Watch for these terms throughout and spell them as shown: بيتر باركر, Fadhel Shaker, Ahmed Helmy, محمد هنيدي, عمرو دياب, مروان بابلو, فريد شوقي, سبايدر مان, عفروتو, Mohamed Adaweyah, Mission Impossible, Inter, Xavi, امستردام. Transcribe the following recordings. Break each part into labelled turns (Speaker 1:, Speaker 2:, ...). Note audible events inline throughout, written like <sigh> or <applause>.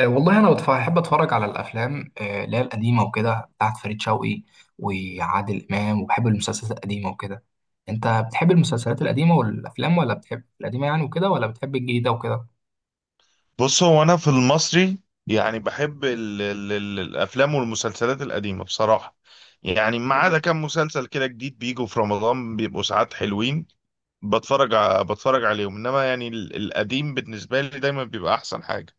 Speaker 1: والله انا بحب اتفرج على الافلام، اللي هي القديمه وكده بتاعت فريد شوقي وعادل امام، وبحب المسلسلات القديمه وكده. انت بتحب المسلسلات القديمه والافلام، ولا بتحب القديمه يعني وكده، ولا بتحب الجديده وكده؟
Speaker 2: بص، هو انا في المصري، يعني بحب ال ال ال الافلام والمسلسلات القديمه بصراحه. يعني ما عدا كام مسلسل كده جديد بيجوا في رمضان بيبقوا ساعات حلوين، بتفرج عليهم، انما يعني القديم بالنسبه لي دايما بيبقى احسن حاجه.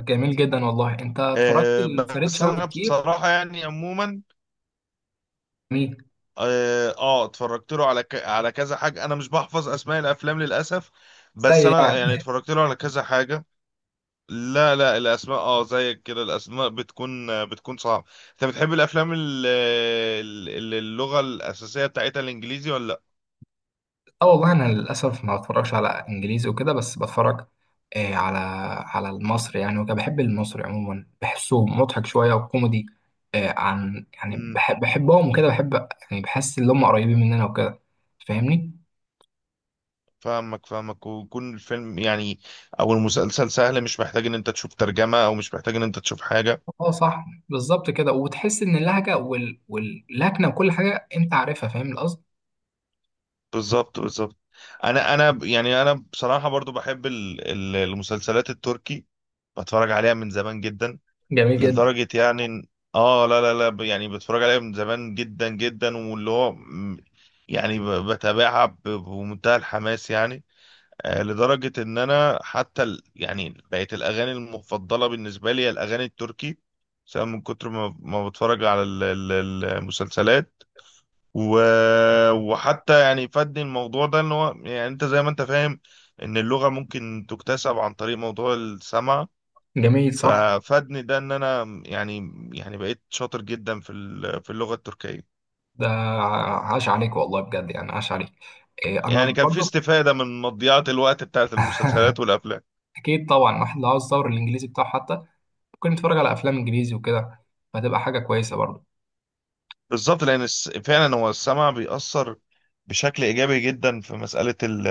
Speaker 1: جميل جدا والله، انت اتفرجت
Speaker 2: أه.
Speaker 1: لفريد
Speaker 2: بس
Speaker 1: شوقي
Speaker 2: انا
Speaker 1: كتير؟
Speaker 2: بصراحه يعني عموما،
Speaker 1: مين؟
Speaker 2: اه آه، اتفرجت له على كذا حاجه، انا مش بحفظ اسماء الافلام للاسف. بس
Speaker 1: زي
Speaker 2: انا يعني
Speaker 1: يعني؟
Speaker 2: اتفرجت له على كذا حاجه. لا لا، الاسماء اه زيك كده الاسماء بتكون صعبه. انت بتحب الافلام اللغه الاساسيه بتاعتها الانجليزي ولا لا؟
Speaker 1: اه والله انا للاسف ما بتفرجش على انجليزي وكده، بس بتفرج على على المصري يعني وكده. بحب المصري عموما، بحسه مضحك شويه وكوميدي. عن يعني
Speaker 2: امم.
Speaker 1: بحبهم وكده، بحب يعني بحس ان هم قريبين مننا وكده. فاهمني؟
Speaker 2: فاهمك فاهمك، ويكون الفيلم يعني او المسلسل سهل، مش محتاج ان انت تشوف ترجمه او مش محتاج ان انت تشوف حاجه.
Speaker 1: اه صح، بالظبط كده، وتحس ان اللهجه واللكنه وكل حاجه انت عارفها. فاهم القصد.
Speaker 2: بالظبط بالظبط. يعني انا بصراحه برضو بحب المسلسلات التركي، بتفرج عليها من زمان جدا.
Speaker 1: جميل جدا.
Speaker 2: لدرجة يعني إن- اه، لا لا لا، يعني بتفرج عليها من زمان جدا جدا، يعني بتابعها بمنتهى الحماس يعني. آه، لدرجة ان انا حتى يعني بقت الاغاني المفضلة بالنسبة لي هي الاغاني التركي، سواء من كتر ما بتفرج على المسلسلات و... وحتى يعني فادني الموضوع ده، ان هو يعني انت زي ما انت فاهم ان اللغة ممكن تكتسب عن طريق موضوع السمع.
Speaker 1: جميل، صح.
Speaker 2: ففادني ده ان انا يعني بقيت شاطر جدا في اللغة التركية.
Speaker 1: ده عاش عليك والله بجد، يعني عاش عليك. آه
Speaker 2: يعني
Speaker 1: انا
Speaker 2: كان في
Speaker 1: برضو.
Speaker 2: استفادة من مضيعة الوقت بتاعت المسلسلات
Speaker 1: <laughs>
Speaker 2: والافلام.
Speaker 1: اكيد طبعا، واحد لو عاوز يطور الانجليزي بتاعه حتى، ممكن نتفرج على افلام انجليزي وكده، فهتبقى حاجه كويسه برضه.
Speaker 2: بالظبط، لان فعلا هو السمع بيأثر بشكل ايجابي جدا في مسألة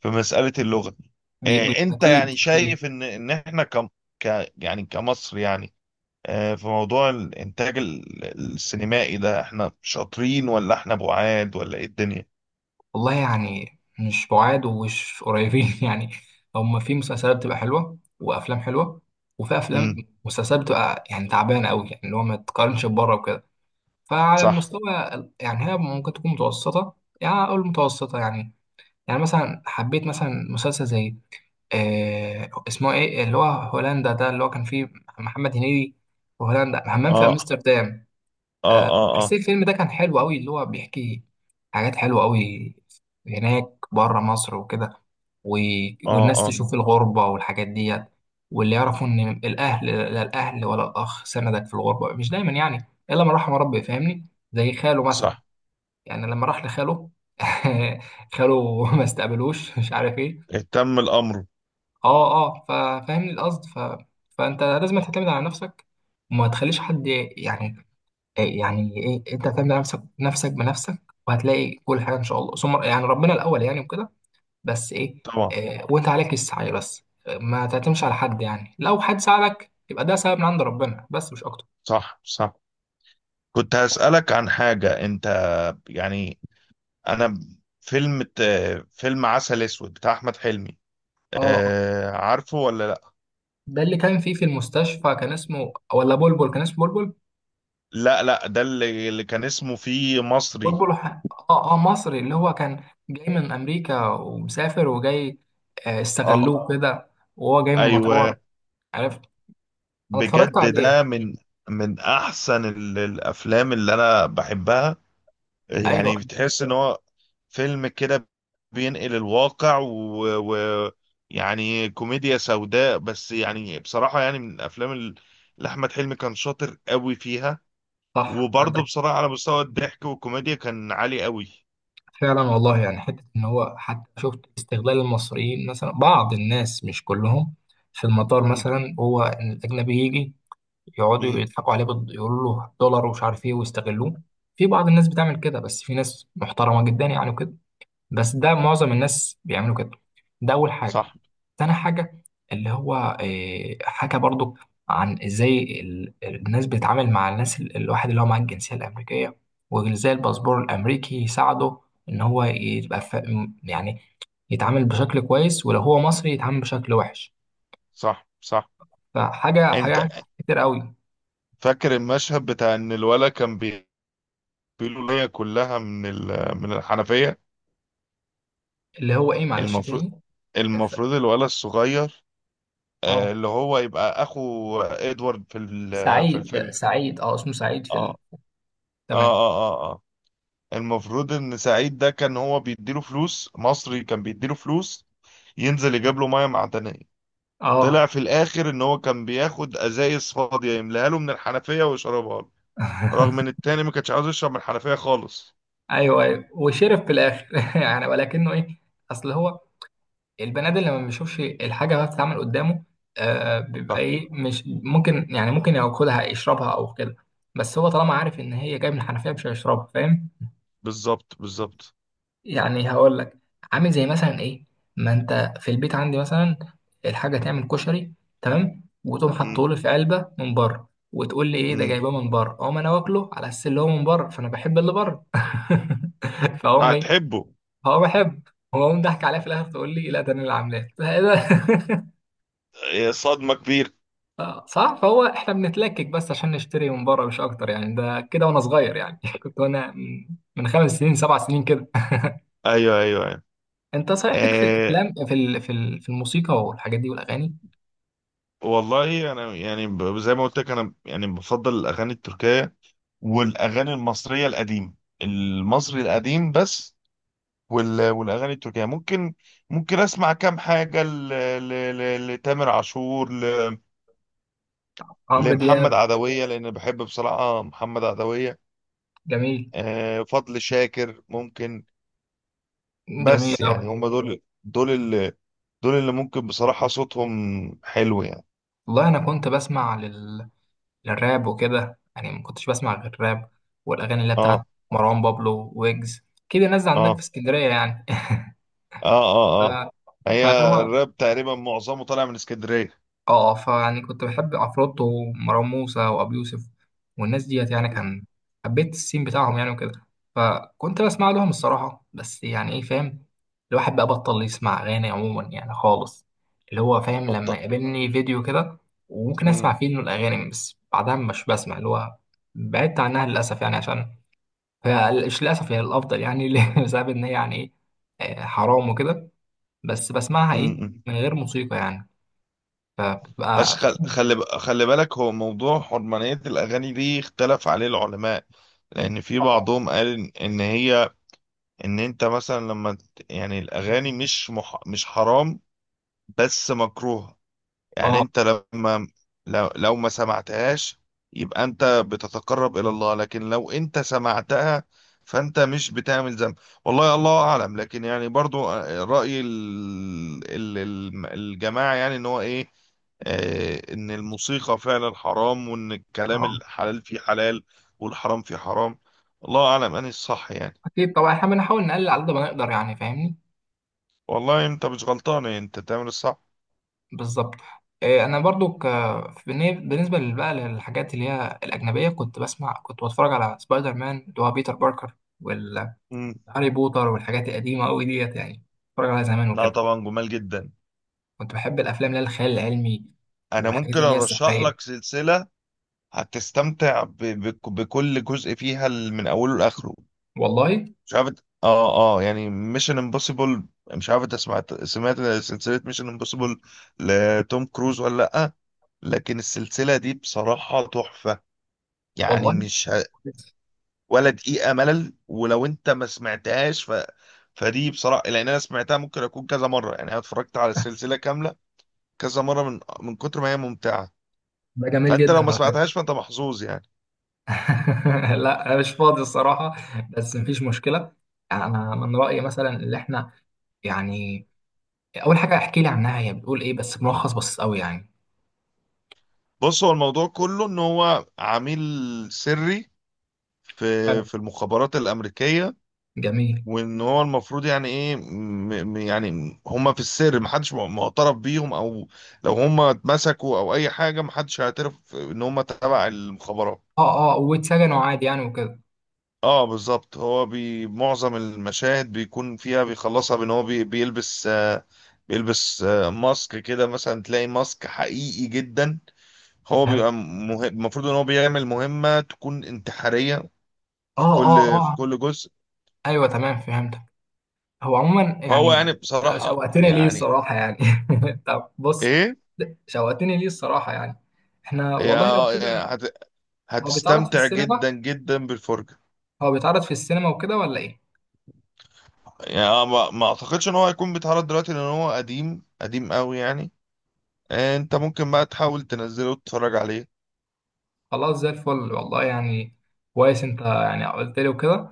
Speaker 2: في مسألة اللغة.
Speaker 1: بي- بي-
Speaker 2: آه، انت
Speaker 1: اكيد
Speaker 2: يعني
Speaker 1: اكيد
Speaker 2: شايف ان احنا كم ك يعني كمصر يعني، آه، في موضوع الانتاج السينمائي ده، احنا شاطرين ولا احنا بعاد، ولا ايه الدنيا؟
Speaker 1: والله يعني مش بعاد ومش قريبين، <laughs> يعني هما في مسلسلات بتبقى حلوه وافلام حلوه، وفي افلام
Speaker 2: امم.
Speaker 1: مسلسلات بتبقى يعني تعبانه قوي، يعني اللي هو ما تقارنش ببره وكده. فعلى
Speaker 2: صح.
Speaker 1: المستوى يعني هي ممكن تكون متوسطه، يعني اقول متوسطه يعني. يعني مثلا حبيت مثلا مسلسل زي، اسمه ايه اللي هو هولندا ده، اللي هو كان فيه محمد هنيدي، وهولندا همام في
Speaker 2: اه اه
Speaker 1: امستردام.
Speaker 2: اه اه.
Speaker 1: حسيت الفيلم ده كان حلو قوي، اللي هو بيحكي حاجات حلوة قوي هناك بره مصر وكده، و...
Speaker 2: اه
Speaker 1: والناس
Speaker 2: اه.
Speaker 1: تشوف الغربة والحاجات ديت، واللي يعرفوا ان الاهل، لا الاهل ولا الاخ سندك في الغربة، مش دايما يعني، الا من رحم ربي. فاهمني؟ زي خاله مثلا،
Speaker 2: صح.
Speaker 1: يعني لما راح لخاله، <laughs> خاله ما استقبلوش، مش عارف ايه.
Speaker 2: اهتم الامر.
Speaker 1: اه اه، ففاهمني القصد. فانت لازم تعتمد على نفسك، وما تخليش حد يعني، إيه يعني ايه، انت هتعمل نفسك نفسك بنفسك، وهتلاقي كل حاجه ان شاء الله. ثم يعني ربنا الاول يعني وكده. بس ايه،
Speaker 2: طبعا.
Speaker 1: إيه وانت عليك السعي. بس إيه، ما تعتمدش على حد يعني، لو حد ساعدك يبقى ده سبب من عند ربنا بس، مش اكتر.
Speaker 2: صح صح. كنت هسألك عن حاجة. انت يعني، انا، فيلم فيلم عسل اسود بتاع احمد حلمي،
Speaker 1: اه. آه.
Speaker 2: آه، عارفه ولا لا؟
Speaker 1: ده اللي كان فيه في المستشفى، كان اسمه ولا بلبل؟ كان اسمه بلبل.
Speaker 2: لا لا، ده اللي كان اسمه فيه مصري.
Speaker 1: بلبل ح- اه اه، مصري، اللي هو كان جاي من امريكا، ومسافر وجاي.
Speaker 2: اه.
Speaker 1: استغلوه كده، وهو جاي من المطار.
Speaker 2: ايوه.
Speaker 1: عرفت؟ انا اتفرجت
Speaker 2: بجد ده
Speaker 1: عليه.
Speaker 2: من احسن الافلام اللي انا بحبها.
Speaker 1: ايوه.
Speaker 2: يعني بتحس ان هو فيلم كده بينقل الواقع و... يعني كوميديا سوداء، بس يعني بصراحة يعني من الافلام اللي احمد حلمي كان شاطر قوي فيها.
Speaker 1: صح
Speaker 2: وبرضه
Speaker 1: عندك.
Speaker 2: بصراحة على مستوى الضحك والكوميديا كان عالي قوي.
Speaker 1: فعلا والله، يعني حتة إن هو حتى شفت استغلال المصريين مثلا، بعض الناس مش كلهم، في المطار
Speaker 2: مم.
Speaker 1: مثلا، هو إن الأجنبي يجي، يقعدوا
Speaker 2: مم.
Speaker 1: يضحكوا عليه يقولوا له دولار ومش عارف إيه ويستغلوه. في بعض الناس بتعمل كده، بس في ناس محترمة جدا يعني وكده. بس ده معظم الناس بيعملوا كده. ده أول حاجة.
Speaker 2: صح.
Speaker 1: تاني حاجة، اللي هو، حكى برضو عن ازاي الناس بتتعامل مع الناس الواحد اللي هو معاه الجنسية الأمريكية، وازاي الباسبور الأمريكي يساعده، إن هو يبقى يعني يتعامل بشكل كويس، ولو هو مصري يتعامل بشكل وحش.
Speaker 2: صح صح.
Speaker 1: فحاجة
Speaker 2: انت
Speaker 1: حاجة كتير قوي.
Speaker 2: فاكر المشهد بتاع ان الولد كان بيقولوا ليا كلها من من الحنفية.
Speaker 1: اللي هو إيه معلش
Speaker 2: المفروض
Speaker 1: تاني؟ ف...
Speaker 2: المفروض الولد الصغير،
Speaker 1: اه
Speaker 2: آه، اللي هو يبقى اخو ادوارد في
Speaker 1: سعيد،
Speaker 2: الفيلم.
Speaker 1: سعيد، اه اسمه سعيد في
Speaker 2: اه اه
Speaker 1: تمام.
Speaker 2: اه اه اه. المفروض ان سعيد ده كان هو بيديله فلوس، مصري كان بيديله فلوس ينزل يجيب له ميه معدنيه. طلع
Speaker 1: اه.
Speaker 2: في الاخر ان هو كان بياخد ازايز فاضيه، يملاها له من الحنفيه ويشربها له، رغم ان التاني ما كانش عاوز يشرب من الحنفيه خالص.
Speaker 1: ايوه ايوه، وشرف في الاخر، <laughs> يعني. ولكنه ايه، اصل هو البني ادم لما بيشوفش الحاجه وهي بتتعمل قدامه، بيبقى
Speaker 2: صح.
Speaker 1: ايه، مش ممكن يعني، ممكن ياكلها يشربها او كده. بس هو طالما عارف ان هي جايه من الحنفيه مش هيشربها. فاهم؟
Speaker 2: بالظبط بالظبط.
Speaker 1: يعني هقول لك، عامل زي مثلا ايه، ما انت في البيت عندي مثلا، الحاجه تعمل كشري تمام، وتقوم
Speaker 2: امم.
Speaker 1: حاطه لي في علبه من بره، وتقول لي ايه ده
Speaker 2: امم.
Speaker 1: جايباه من بره. اقوم انا واكله على اساس اللي هو من بره، فانا بحب اللي بره. <laughs> فاقوم ايه،
Speaker 2: فهتحبه.
Speaker 1: هو بحب، هو قوم ضحك عليا في الاخر، تقول لي لا ده انا اللي عاملاه. <laughs> ده إيه ده؟
Speaker 2: آه، صدمه كبيره.
Speaker 1: صح، فهو احنا بنتلكك بس عشان نشتري من بره، مش اكتر يعني. ده كده وانا صغير يعني، <laughs> كنت وانا من 5 سنين 7 سنين كده.
Speaker 2: ايوه ايوه ايوه.
Speaker 1: انت صحيح ليك في
Speaker 2: آه،
Speaker 1: الافلام، في الموسيقى والحاجات دي والاغاني؟
Speaker 2: والله انا يعني زي ما قلت لك، انا يعني بفضل الاغاني التركيه والاغاني المصريه القديمه، المصري القديم بس. والاغاني التركيه ممكن اسمع كام حاجه لتامر عاشور،
Speaker 1: عمرو
Speaker 2: لمحمد
Speaker 1: دياب.
Speaker 2: عدويه، لان بحب بصراحه محمد عدويه.
Speaker 1: جميل.
Speaker 2: آه، فضل شاكر ممكن.
Speaker 1: جميل
Speaker 2: بس
Speaker 1: قوي.
Speaker 2: يعني هم دول اللي ممكن بصراحه صوتهم حلو يعني.
Speaker 1: والله انا كنت بسمع للراب وكده يعني، ما كنتش بسمع غير الراب، والاغاني اللي هي
Speaker 2: اه
Speaker 1: بتاعت مروان بابلو ويجز، كده نازل عندك في
Speaker 2: اه
Speaker 1: اسكندريه يعني.
Speaker 2: اه اه. اه.
Speaker 1: <laughs> ف...
Speaker 2: هي
Speaker 1: فهو،
Speaker 2: الراب تقريبا معظمه طالع من اسكندريه.
Speaker 1: اه، فيعني كنت بحب عفروتو ومروان موسى وابي يوسف، والناس ديت يعني،
Speaker 2: مم.
Speaker 1: كان حبيت السين بتاعهم يعني وكده. فكنت بسمع لهم الصراحة. بس يعني ايه، فاهم، الواحد بقى بطل يسمع أغاني عموما يعني خالص. اللي هو فاهم، لما
Speaker 2: بط...
Speaker 1: يقابلني فيديو كده وممكن
Speaker 2: مم.
Speaker 1: أسمع فيه، إنه الأغاني بس، بعدها مش بسمع. اللي هو بعدت عنها للأسف يعني، عشان، مش للأسف هي الأفضل يعني، <laughs> بسبب إن هي يعني إيه، حرام وكده. بس بسمعها
Speaker 2: مم.
Speaker 1: إيه،
Speaker 2: مم.
Speaker 1: من غير موسيقى يعني،
Speaker 2: بس
Speaker 1: فبتبقى.
Speaker 2: خلي بالك، هو موضوع حرمانية الأغاني دي اختلف عليه العلماء. لأن في بعضهم قال إن إن هي إن أنت مثلا يعني الأغاني مش حرام، بس مكروه. يعني
Speaker 1: اه
Speaker 2: انت لو ما سمعتهاش يبقى انت بتتقرب الى الله، لكن لو انت سمعتها فانت مش بتعمل ذنب. والله الله اعلم. لكن يعني برضو، آه، رأي الجماعة يعني، ان هو ايه، آه، ان الموسيقى فعلا حرام، وان الكلام
Speaker 1: اه،
Speaker 2: الحلال فيه حلال والحرام فيه حرام. الله اعلم اني الصح يعني.
Speaker 1: اكيد طبعا، احنا بنحاول نقلل على قد ما نقدر يعني. فاهمني؟
Speaker 2: والله انت مش غلطان، انت تعمل الصح.
Speaker 1: بالظبط. انا برضو بالنسبه بقى للحاجات اللي هي الاجنبيه، كنت بسمع، كنت بتفرج على سبايدر مان اللي هو بيتر باركر، والهاري
Speaker 2: مم.
Speaker 1: بوتر، والحاجات القديمه قوي ديت يعني، بتفرج عليها زمان
Speaker 2: لا
Speaker 1: وكده.
Speaker 2: طبعا، جمال جدا.
Speaker 1: كنت بحب الافلام اللي هي الخيال العلمي،
Speaker 2: انا
Speaker 1: والحاجات
Speaker 2: ممكن
Speaker 1: اللي هي
Speaker 2: ارشح
Speaker 1: السحريه.
Speaker 2: لك سلسلة هتستمتع بكل جزء فيها من اوله لاخره.
Speaker 1: والله
Speaker 2: مش عارف يعني ميشن امبوسيبل، مش عارف انت سمعت سلسله ميشن امبوسيبل لتوم كروز ولا لا؟ لكن السلسله دي بصراحه تحفه، يعني
Speaker 1: والله.
Speaker 2: مش ه...
Speaker 1: كويس.
Speaker 2: ولا دقيقه ملل. ولو انت ما سمعتهاش فدي بصراحه، لان انا سمعتها ممكن اكون كذا مره، يعني انا اتفرجت على
Speaker 1: <laughs>
Speaker 2: السلسله كامله كذا مره، من كتر ما هي ممتعه.
Speaker 1: ده جميل
Speaker 2: فانت
Speaker 1: جدا
Speaker 2: لو ما
Speaker 1: على
Speaker 2: سمعتهاش
Speaker 1: فكره.
Speaker 2: فانت محظوظ يعني.
Speaker 1: <laughs> لا انا مش فاضي الصراحه، بس مفيش مشكله. يعني انا من رايي مثلا، اللي احنا يعني، اول حاجه احكي لي عنها هي بتقول ايه، بس ملخص بسيط قوي يعني.
Speaker 2: بص، هو الموضوع كله ان هو عميل سري
Speaker 1: حلو.
Speaker 2: في في المخابرات الامريكيه،
Speaker 1: جميل.
Speaker 2: وان هو المفروض، يعني ايه، يعني هم في السر محدش معترف بيهم، او لو هم اتمسكوا او اي حاجه محدش هيعترف ان هم تبع المخابرات.
Speaker 1: اه اه، واتسجنوا عادي يعني وكده.
Speaker 2: اه، بالظبط. هو معظم المشاهد بيكون فيها بيخلصها بان هو بيلبس، بيلبس ماسك كده، مثلا تلاقي ماسك حقيقي جدا. هو
Speaker 1: فهمت.
Speaker 2: بيبقى المفروض ان هو بيعمل مهمة تكون انتحارية
Speaker 1: اه اه
Speaker 2: في
Speaker 1: اه.
Speaker 2: كل جزء.
Speaker 1: ايوه تمام فهمتك. هو عموما
Speaker 2: فهو يعني
Speaker 1: يعني، ده
Speaker 2: بصراحة
Speaker 1: شوقتني ليه
Speaker 2: يعني
Speaker 1: الصراحه يعني. <laughs> طب بص،
Speaker 2: ايه،
Speaker 1: ده شوقتني ليه الصراحه يعني. احنا والله لو
Speaker 2: يا
Speaker 1: كده،
Speaker 2: يا هت
Speaker 1: هو بيتعرض في
Speaker 2: هتستمتع
Speaker 1: السينما؟
Speaker 2: جدا جدا بالفرجة.
Speaker 1: هو بيتعرض في السينما وكده، ولا ايه؟
Speaker 2: يعني ما اعتقدش ان هو هيكون بيتعرض دلوقتي، لان هو قديم قديم قوي يعني. إيه، انت ممكن بقى تحاول تنزله وتتفرج عليه.
Speaker 1: خلاص زي الفل والله يعني. كويس، انت يعني قلت لي وكده.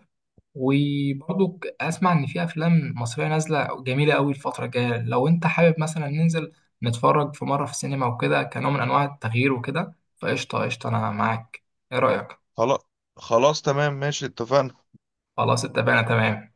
Speaker 1: وبرضو اسمع ان في افلام مصريه نازله جميله قوي الفتره الجايه. لو انت حابب مثلا ننزل نتفرج في مره في السينما وكده، كنوع من انواع التغيير وكده، فقشطه قشطه انا معاك. ايه رايك؟
Speaker 2: خلاص خلاص، تمام ماشي، اتفقنا.
Speaker 1: خلاص اتفقنا تمام.